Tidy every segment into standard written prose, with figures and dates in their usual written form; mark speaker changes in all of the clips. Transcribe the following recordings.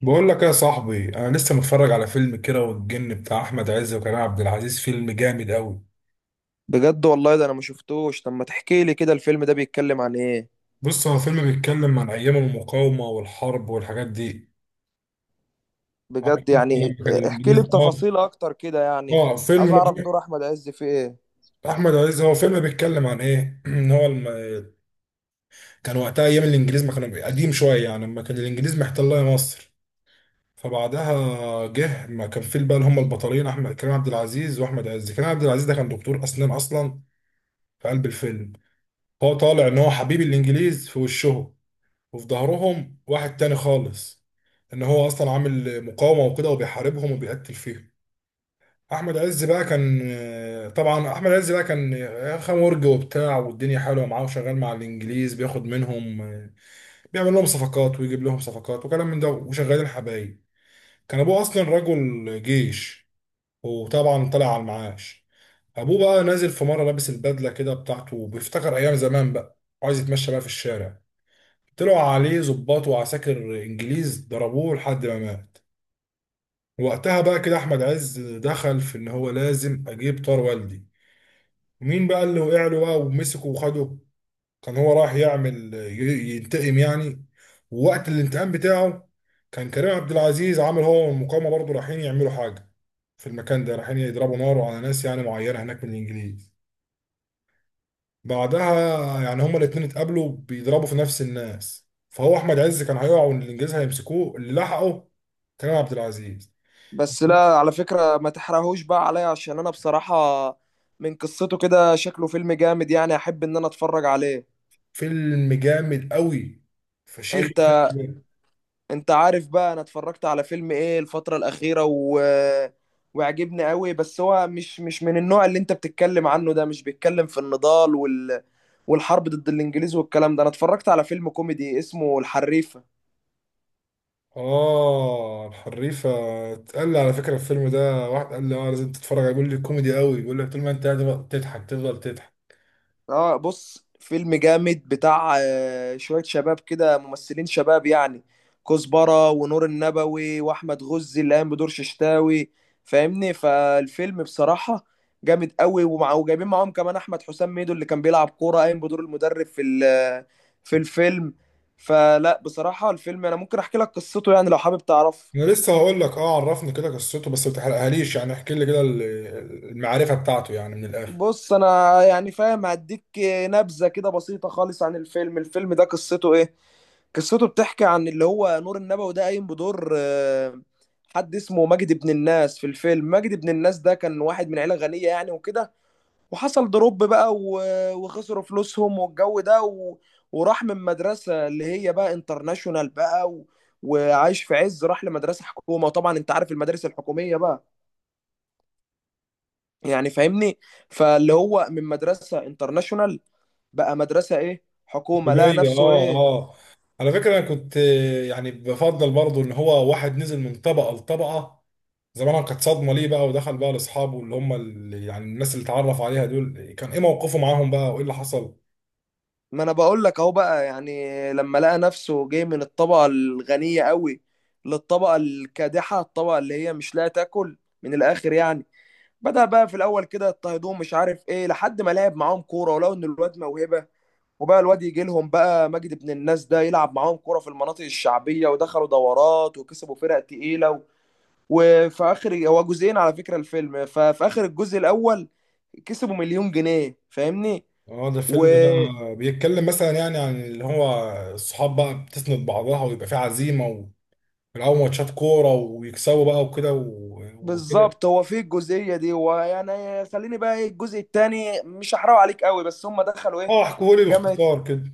Speaker 1: بقول لك يا صاحبي، انا لسه متفرج على فيلم كيرة والجن بتاع احمد عز وكريم عبد العزيز. فيلم جامد قوي.
Speaker 2: بجد والله ده انا ما شفتوش. طب ما تحكي لي كده، الفيلم ده بيتكلم عن ايه؟
Speaker 1: بص، هو فيلم بيتكلم عن ايام المقاومه والحرب والحاجات دي. عارف
Speaker 2: بجد
Speaker 1: انت لما
Speaker 2: يعني؟
Speaker 1: كان
Speaker 2: احكي
Speaker 1: الانجليز؟
Speaker 2: لي
Speaker 1: اه
Speaker 2: بتفاصيل اكتر كده يعني.
Speaker 1: اه فيلم.
Speaker 2: عايز اعرف دور احمد عز في ايه.
Speaker 1: احمد عز هو فيلم بيتكلم عن ايه ان هو الم... كان وقتها ايام الانجليز، ما كانوا قديم شويه يعني، لما كان الانجليز محتله مصر. فبعدها جه، ما كان في بقى هم البطلين، احمد كريم عبد العزيز واحمد عز. كريم عبد العزيز ده كان دكتور اسنان اصلا في قلب الفيلم. هو طالع ان هو حبيب الانجليز في وشهم، وفي ظهرهم واحد تاني خالص، ان هو اصلا عامل مقاومه وكده، وبيحاربهم وبيقتل فيهم. احمد عز بقى كان، طبعا احمد عز بقى كان خمرج وبتاع، والدنيا حلوه معاه، وشغال مع الانجليز، بياخد منهم، بيعمل لهم صفقات ويجيب لهم صفقات وكلام من ده، وشغالين حبايب. كان ابوه اصلا رجل جيش، وطبعا طلع على المعاش. ابوه بقى نازل في مره لابس البدله كده بتاعته، وبيفتكر ايام زمان بقى، وعايز يتمشى بقى في الشارع. طلعوا عليه ضباط وعساكر انجليز، ضربوه لحد ما مات. وقتها بقى كده احمد عز دخل في ان هو لازم اجيب طار والدي، ومين بقى اللي وقع له بقى ومسكه وخده. كان هو رايح يعمل ينتقم يعني. ووقت الانتقام بتاعه، كان كريم عبد العزيز عامل هو والمقاومة برضه رايحين يعملوا حاجة. في المكان ده رايحين يضربوا نار على ناس يعني معينة هناك من الانجليز. بعدها، يعني هما الاتنين اتقابلوا بيضربوا في نفس الناس، فهو احمد عز كان هيقع والانجليز هيمسكوه، اللي لحقه كريم عبد العزيز.
Speaker 2: بس لا على فكرة ما تحرقهوش بقى عليا، عشان انا بصراحة من قصته كده شكله فيلم جامد، يعني احب ان انا اتفرج عليه.
Speaker 1: فيلم جامد قوي. فشيخ
Speaker 2: انت
Speaker 1: الفيلم ده.
Speaker 2: انت عارف بقى انا اتفرجت على فيلم ايه الفترة الأخيرة وعجبني قوي، بس هو مش من النوع اللي انت بتتكلم عنه ده، مش بيتكلم في النضال والحرب ضد الانجليز والكلام ده. انا اتفرجت على فيلم كوميدي اسمه الحريفة.
Speaker 1: اه الحريفه، اتقال لي على فكره الفيلم ده، واحد قال لي اه لازم تتفرج عليه. بيقول لي كوميدي قوي، بيقول لك طول ما انت قاعد بقى تضحك تفضل تضحك.
Speaker 2: اه بص، فيلم جامد بتاع شوية شباب كده، ممثلين شباب يعني، كزبرة ونور النبوي واحمد غزي اللي قام بدور ششتاوي. فاهمني؟ فالفيلم بصراحة جامد قوي، ومع وجايبين معاهم كمان احمد حسام ميدو اللي كان بيلعب كورة، قايم بدور المدرب في الفيلم. فلا بصراحة الفيلم انا ممكن احكي لك قصته يعني لو حابب تعرفه.
Speaker 1: انا لسه هقول لك، اه عرفني كده قصته، بس ما تحرقهاليش، يعني احكي لي كده المعرفه بتاعته يعني من الاخر.
Speaker 2: بص انا يعني فاهم هديك نبذة كده بسيطة خالص عن الفيلم. الفيلم ده قصته ايه؟ قصته بتحكي عن اللي هو نور النبوي ده، قايم بدور حد اسمه مجدي بن الناس في الفيلم. مجدي بن الناس ده كان واحد من عيلة غنية يعني وكده، وحصل دروب بقى وخسروا فلوسهم والجو ده وراح من مدرسة اللي هي بقى انترناشونال بقى وعايش في عز، راح لمدرسة حكومة. وطبعا انت عارف المدارس الحكومية بقى، يعني فاهمني. فاللي هو من مدرسة انترناشونال بقى مدرسة ايه، حكومة، لقى
Speaker 1: تومية،
Speaker 2: نفسه
Speaker 1: اه
Speaker 2: ايه.
Speaker 1: اه. على فكرة انا كنت يعني بفضل برضو ان هو واحد نزل من طبقة لطبقة، زمانها كانت صدمة ليه بقى. ودخل بقى لاصحابه اللي هم اللي يعني، الناس اللي اتعرف عليها دول كان ايه موقفه معاهم بقى وايه اللي حصل؟
Speaker 2: ما انا بقول لك اهو بقى، يعني لما لقى نفسه جاي من الطبقه الغنيه قوي للطبقه الكادحه، الطبقه اللي هي مش لاقيه تاكل، من الاخر يعني. بدأ بقى في الاول كده يضطهدوه مش عارف ايه، لحد ما لعب معاهم كوره، ولو ان الواد موهبه. وبقى الواد يجي لهم بقى، مجد ابن الناس ده، يلعب معاهم كوره في المناطق الشعبيه، ودخلوا دورات وكسبوا فرق تقيله وفي اخر، هو جزئين على فكره الفيلم، ففي اخر الجزء الاول كسبوا مليون جنيه. فاهمني؟
Speaker 1: اه ده
Speaker 2: و
Speaker 1: فيلم بقى بيتكلم مثلا يعني عن اللي هو الصحاب بقى بتسند بعضها، ويبقى في عزيمة، ويلعبوا ماتشات كورة ويكسبوا بقى وكده وكده.
Speaker 2: بالظبط، هو في الجزئيه دي. ويعني خليني بقى، ايه الجزء الثاني مش هحرق عليك قوي، بس هم دخلوا ايه،
Speaker 1: اه احكوا لي
Speaker 2: جامعه.
Speaker 1: باختصار كده.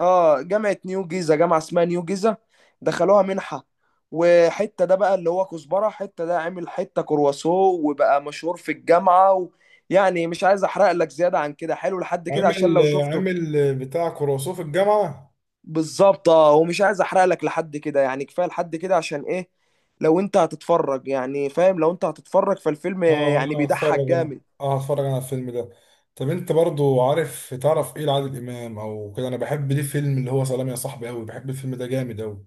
Speaker 2: اه جامعه نيو جيزه، جامعه اسمها نيو جيزه، دخلوها منحه. وحته ده بقى اللي هو كزبره، حته ده عمل حته كرواسو وبقى مشهور في الجامعه يعني مش عايز احرق لك زياده عن كده، حلو لحد كده عشان
Speaker 1: عامل
Speaker 2: لو شفته.
Speaker 1: عامل بتاع كروسوف الجامعة.
Speaker 2: بالظبط، اه ومش عايز احرق لك لحد كده، يعني كفايه لحد كده، عشان ايه، لو انت هتتفرج يعني، فاهم؟ لو انت هتتفرج فالفيلم
Speaker 1: اه
Speaker 2: يعني
Speaker 1: انا هتفرج
Speaker 2: بيضحك
Speaker 1: انا.
Speaker 2: جامد.
Speaker 1: اه هتفرج انا على الفيلم ده. طب انت برضو عارف، تعرف ايه لعادل امام او كده؟ انا بحب ليه فيلم اللي هو سلام يا صاحبي قوي، بحب الفيلم ده جامد قوي.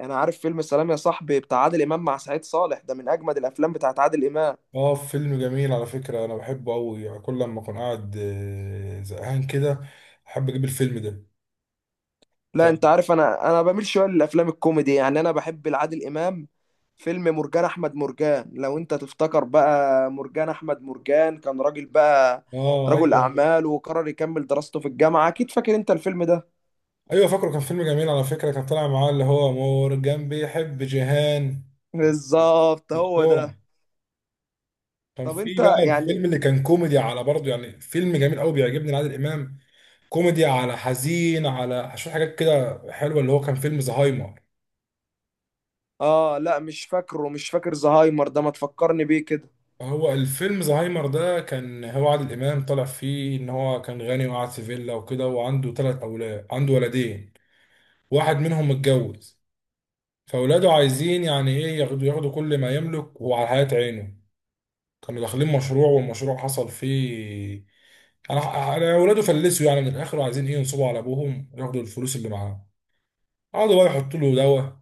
Speaker 2: انا عارف فيلم سلام يا صاحبي بتاع عادل امام مع سعيد صالح، ده من اجمد الافلام بتاعت عادل امام.
Speaker 1: اه فيلم جميل على فكرة، انا بحبه قوي. يعني كل لما اكون قاعد زهقان كده احب اجيب الفيلم ده.
Speaker 2: لا
Speaker 1: طب.
Speaker 2: انت عارف انا بميل شويه للافلام الكوميدي، يعني انا بحب لعادل امام فيلم مرجان احمد مرجان. لو انت تفتكر بقى، مرجان احمد مرجان كان راجل بقى،
Speaker 1: اه
Speaker 2: رجل
Speaker 1: ايوه.
Speaker 2: اعمال، وقرر يكمل دراسته في الجامعه. اكيد فاكر انت الفيلم ده.
Speaker 1: ايوه فاكره، كان فيلم جميل على فكرة، كان طالع معاه اللي هو مورجان بيحب جيهان
Speaker 2: بالظبط، هو
Speaker 1: دكتورة.
Speaker 2: ده.
Speaker 1: كان
Speaker 2: طب
Speaker 1: في
Speaker 2: انت
Speaker 1: بقى
Speaker 2: يعني.
Speaker 1: الفيلم اللي كان كوميدي على برضه، يعني فيلم جميل قوي بيعجبني لعادل امام. كوميدي على حزين على شوية حاجات كده حلوة، اللي هو كان فيلم زهايمر.
Speaker 2: اه لا مش فاكره، مش فاكر زهايمر ده، ما تفكرني بيه كده.
Speaker 1: هو الفيلم زهايمر ده، كان هو عادل إمام طلع فيه إن هو كان غني وقاعد في فيلا وكده، وعنده تلات أولاد، عنده ولدين واحد منهم متجوز. فأولاده عايزين يعني إيه، ياخدوا كل ما يملك وعلى حياة عينه. كانوا داخلين مشروع، والمشروع حصل فيه أنا أنا أولاده فلسوا يعني من الآخر، وعايزين إيه ينصبوا على أبوهم ياخدوا الفلوس اللي معاه. قعدوا بقى يحطوا له دواء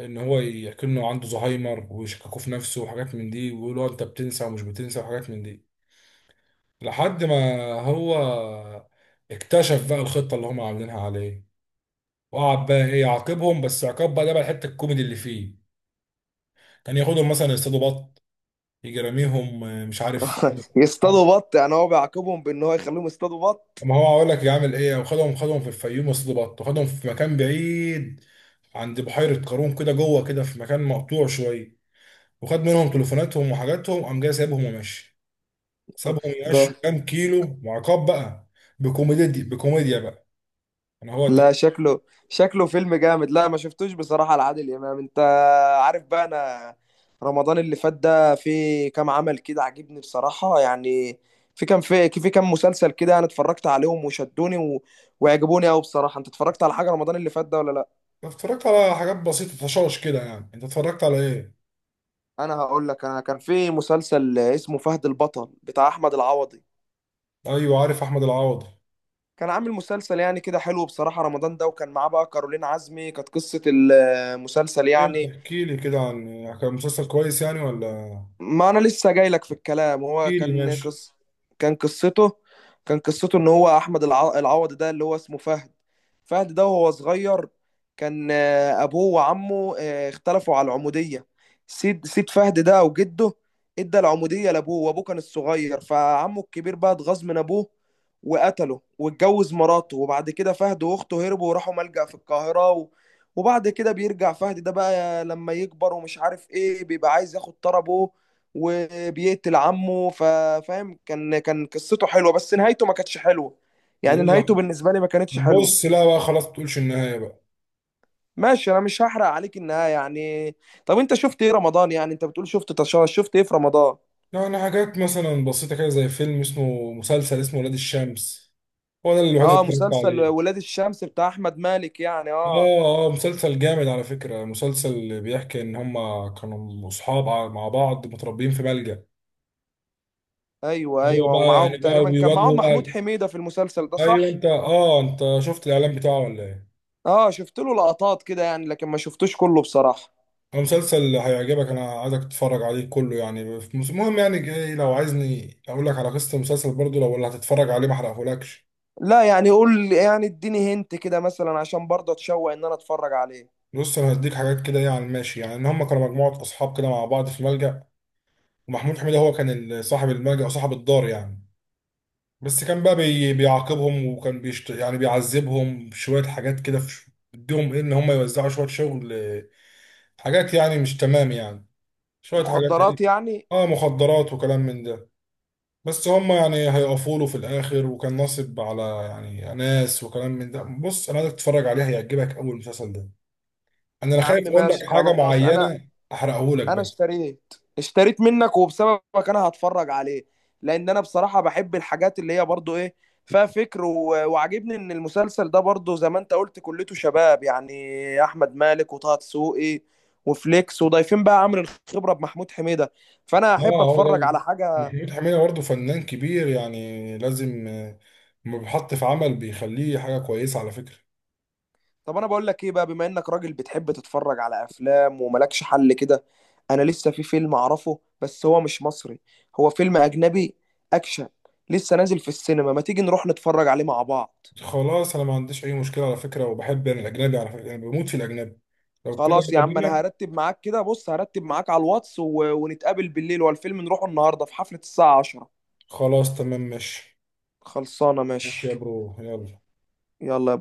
Speaker 1: ان هو يكنه عنده زهايمر، ويشككوا في نفسه وحاجات من دي، ويقولوا انت بتنسى ومش بتنسى وحاجات من دي. لحد ما هو اكتشف بقى الخطة اللي هم عاملينها عليه، وقعد بقى ايه يعاقبهم، بس عقاب بقى، ده بقى الحتة الكوميدي اللي فيه. كان ياخدهم مثلا يصطادوا بط، يجي راميهم مش عارف. آه.
Speaker 2: يصطادوا بط؟ يعني هو بيعاقبهم بان هو يخليهم يصطادوا بط؟
Speaker 1: ما هو هقول لك يعمل ايه، وخدهم في الفيوم يصطادوا بط، وخدهم في مكان بعيد عند بحيرة قارون كده جوه، كده في مكان مقطوع شوية. وخد منهم تليفوناتهم وحاجاتهم، قام جاي سايبهم وماشي. سابهم
Speaker 2: ده
Speaker 1: يمشوا كام كيلو، وعقاب بقى، بكوميديا دي، بكوميديا بقى. انا هو ت-
Speaker 2: لا شكله، شكله فيلم جامد. لا ما شفتوش بصراحة لعادل إمام. انت عارف بقى انا رمضان اللي فات ده في كام عمل كده عجبني بصراحة يعني، في كام، في كام مسلسل كده انا اتفرجت عليهم وشدوني وعجبوني قوي بصراحة. انت اتفرجت على حاجة رمضان اللي فات ده ولا لا؟
Speaker 1: اتفرجت على حاجات بسيطه طشاش كده يعني. انت اتفرجت على ايه؟
Speaker 2: انا هقول لك، انا كان في مسلسل اسمه فهد البطل بتاع احمد العوضي.
Speaker 1: ايوه عارف احمد العوضي.
Speaker 2: كان عامل مسلسل يعني كده حلو بصراحة رمضان ده، وكان معاه بقى كارولين عزمي. كانت قصة المسلسل
Speaker 1: ايه ما
Speaker 2: يعني،
Speaker 1: تحكي لي كده عن، كان مسلسل كويس يعني ولا؟
Speaker 2: ما انا لسه جاي لك في الكلام. هو
Speaker 1: احكي لي، ماشي.
Speaker 2: كان قصته كان قصته ان هو احمد العوضي ده اللي هو اسمه فهد. فهد ده وهو صغير كان ابوه وعمه اختلفوا على العمودية. سيد فهد ده وجده ادى العمودية لابوه، وابوه كان الصغير، فعمه الكبير بقى اتغاظ من ابوه وقتله واتجوز مراته. وبعد كده فهد واخته هربوا وراحوا ملجأ في القاهرة وبعد كده بيرجع فهد ده بقى لما يكبر ومش عارف ايه، بيبقى عايز ياخد طربه وبيقتل عمه. ففاهم، كان قصته حلوه بس نهايته ما كانتش حلوه، يعني
Speaker 1: ايه
Speaker 2: نهايته بالنسبه لي ما كانتش
Speaker 1: اللي،
Speaker 2: حلوه.
Speaker 1: بص لا بقى خلاص ما تقولش النهايه بقى.
Speaker 2: ماشي انا مش هحرق عليك النهايه يعني. طب انت شفت ايه رمضان يعني، انت بتقول شفت شفت ايه في رمضان؟
Speaker 1: يعني حاجات مثلا بسيطه كده زي فيلم اسمه، مسلسل اسمه ولاد الشمس. هو ده الوحيد
Speaker 2: اه
Speaker 1: اللي اتفرجت
Speaker 2: مسلسل
Speaker 1: عليه.
Speaker 2: ولاد الشمس بتاع احمد مالك، يعني اه
Speaker 1: اه مسلسل جامد على فكرة. مسلسل بيحكي ان هما كانوا اصحاب مع بعض متربيين في بلجا.
Speaker 2: ايوه
Speaker 1: هو
Speaker 2: ايوه،
Speaker 1: بقى
Speaker 2: ومعاهم
Speaker 1: يعني بقى
Speaker 2: تقريبا كان معاهم
Speaker 1: بيواجهوا
Speaker 2: محمود
Speaker 1: بقى.
Speaker 2: حميده في المسلسل ده،
Speaker 1: ايوه
Speaker 2: صح؟
Speaker 1: انت، اه انت شفت الاعلان بتاعه ولا ايه؟
Speaker 2: اه شفت له لقطات كده يعني لكن ما شفتوش كله بصراحه.
Speaker 1: هو مسلسل هيعجبك، انا عايزك تتفرج عليه كله. يعني في المهم يعني، جاي لو عايزني اقول لك على قصة المسلسل برضو، لو اللي هتتفرج عليه ما احرقهولكش.
Speaker 2: لا يعني قول يعني، اديني هنت كده مثلا عشان برضه اتشوق ان انا اتفرج عليه.
Speaker 1: بص انا هديك حاجات كده يعني، ماشي. يعني ان هما كانوا مجموعة اصحاب كده مع بعض في ملجأ، ومحمود حميدة هو كان صاحب الملجأ وصاحب الدار يعني. بس كان بقى بيعاقبهم، وكان يعني بيعذبهم بشوية حاجات كده، في... بديهم ايه ان هم يوزعوا شوية شغل، حاجات يعني مش تمام يعني، شوية حاجات ايه،
Speaker 2: مخدرات يعني؟
Speaker 1: اه مخدرات وكلام من ده. بس هم يعني هيقفوا له في الاخر، وكان ناصب على يعني ناس وكلام من ده. بص انا عايزك تتفرج عليه هيعجبك اول المسلسل ده. انا لا،
Speaker 2: يا عم
Speaker 1: خايف اقول لك
Speaker 2: ماشي
Speaker 1: حاجة
Speaker 2: خلاص، انا
Speaker 1: معينة احرقه لك
Speaker 2: انا
Speaker 1: بقى.
Speaker 2: اشتريت اشتريت منك وبسببك انا هتفرج عليه. لان انا بصراحة بحب الحاجات اللي هي برضو ايه، فيها فكر وعجبني ان المسلسل ده برضو زي ما انت قلت كلته شباب يعني، احمد مالك وطه دسوقي وفليكس، وضايفين بقى عامل الخبرة بمحمود حميدة. فانا احب
Speaker 1: اه هو ده
Speaker 2: اتفرج على حاجة.
Speaker 1: محمود حميدة برضه فنان كبير يعني، لازم لما بيحط في عمل بيخليه حاجة كويسة على فكرة.
Speaker 2: طب انا بقول لك ايه بقى، بما انك راجل بتحب تتفرج على افلام وملكش حل كده، انا لسه في فيلم اعرفه بس هو مش مصري، هو فيلم اجنبي، اكشن، لسه نازل في السينما. ما تيجي نروح نتفرج عليه مع بعض؟
Speaker 1: خلاص أنا ما عنديش أي مشكلة على فكرة، وبحب أنا الأجنبي على فكرة، أنا بموت في الأجنبي. لو كده
Speaker 2: خلاص يا
Speaker 1: يلا
Speaker 2: عم انا
Speaker 1: بينا.
Speaker 2: هرتب معاك كده. بص هرتب معاك على الواتس ونتقابل بالليل، والفيلم نروحه النهارده في حفلة الساعة 10.
Speaker 1: خلاص تمام ماشي.
Speaker 2: خلصانة
Speaker 1: ماشي يا
Speaker 2: ماشي.
Speaker 1: برو، يلا.
Speaker 2: يلا يا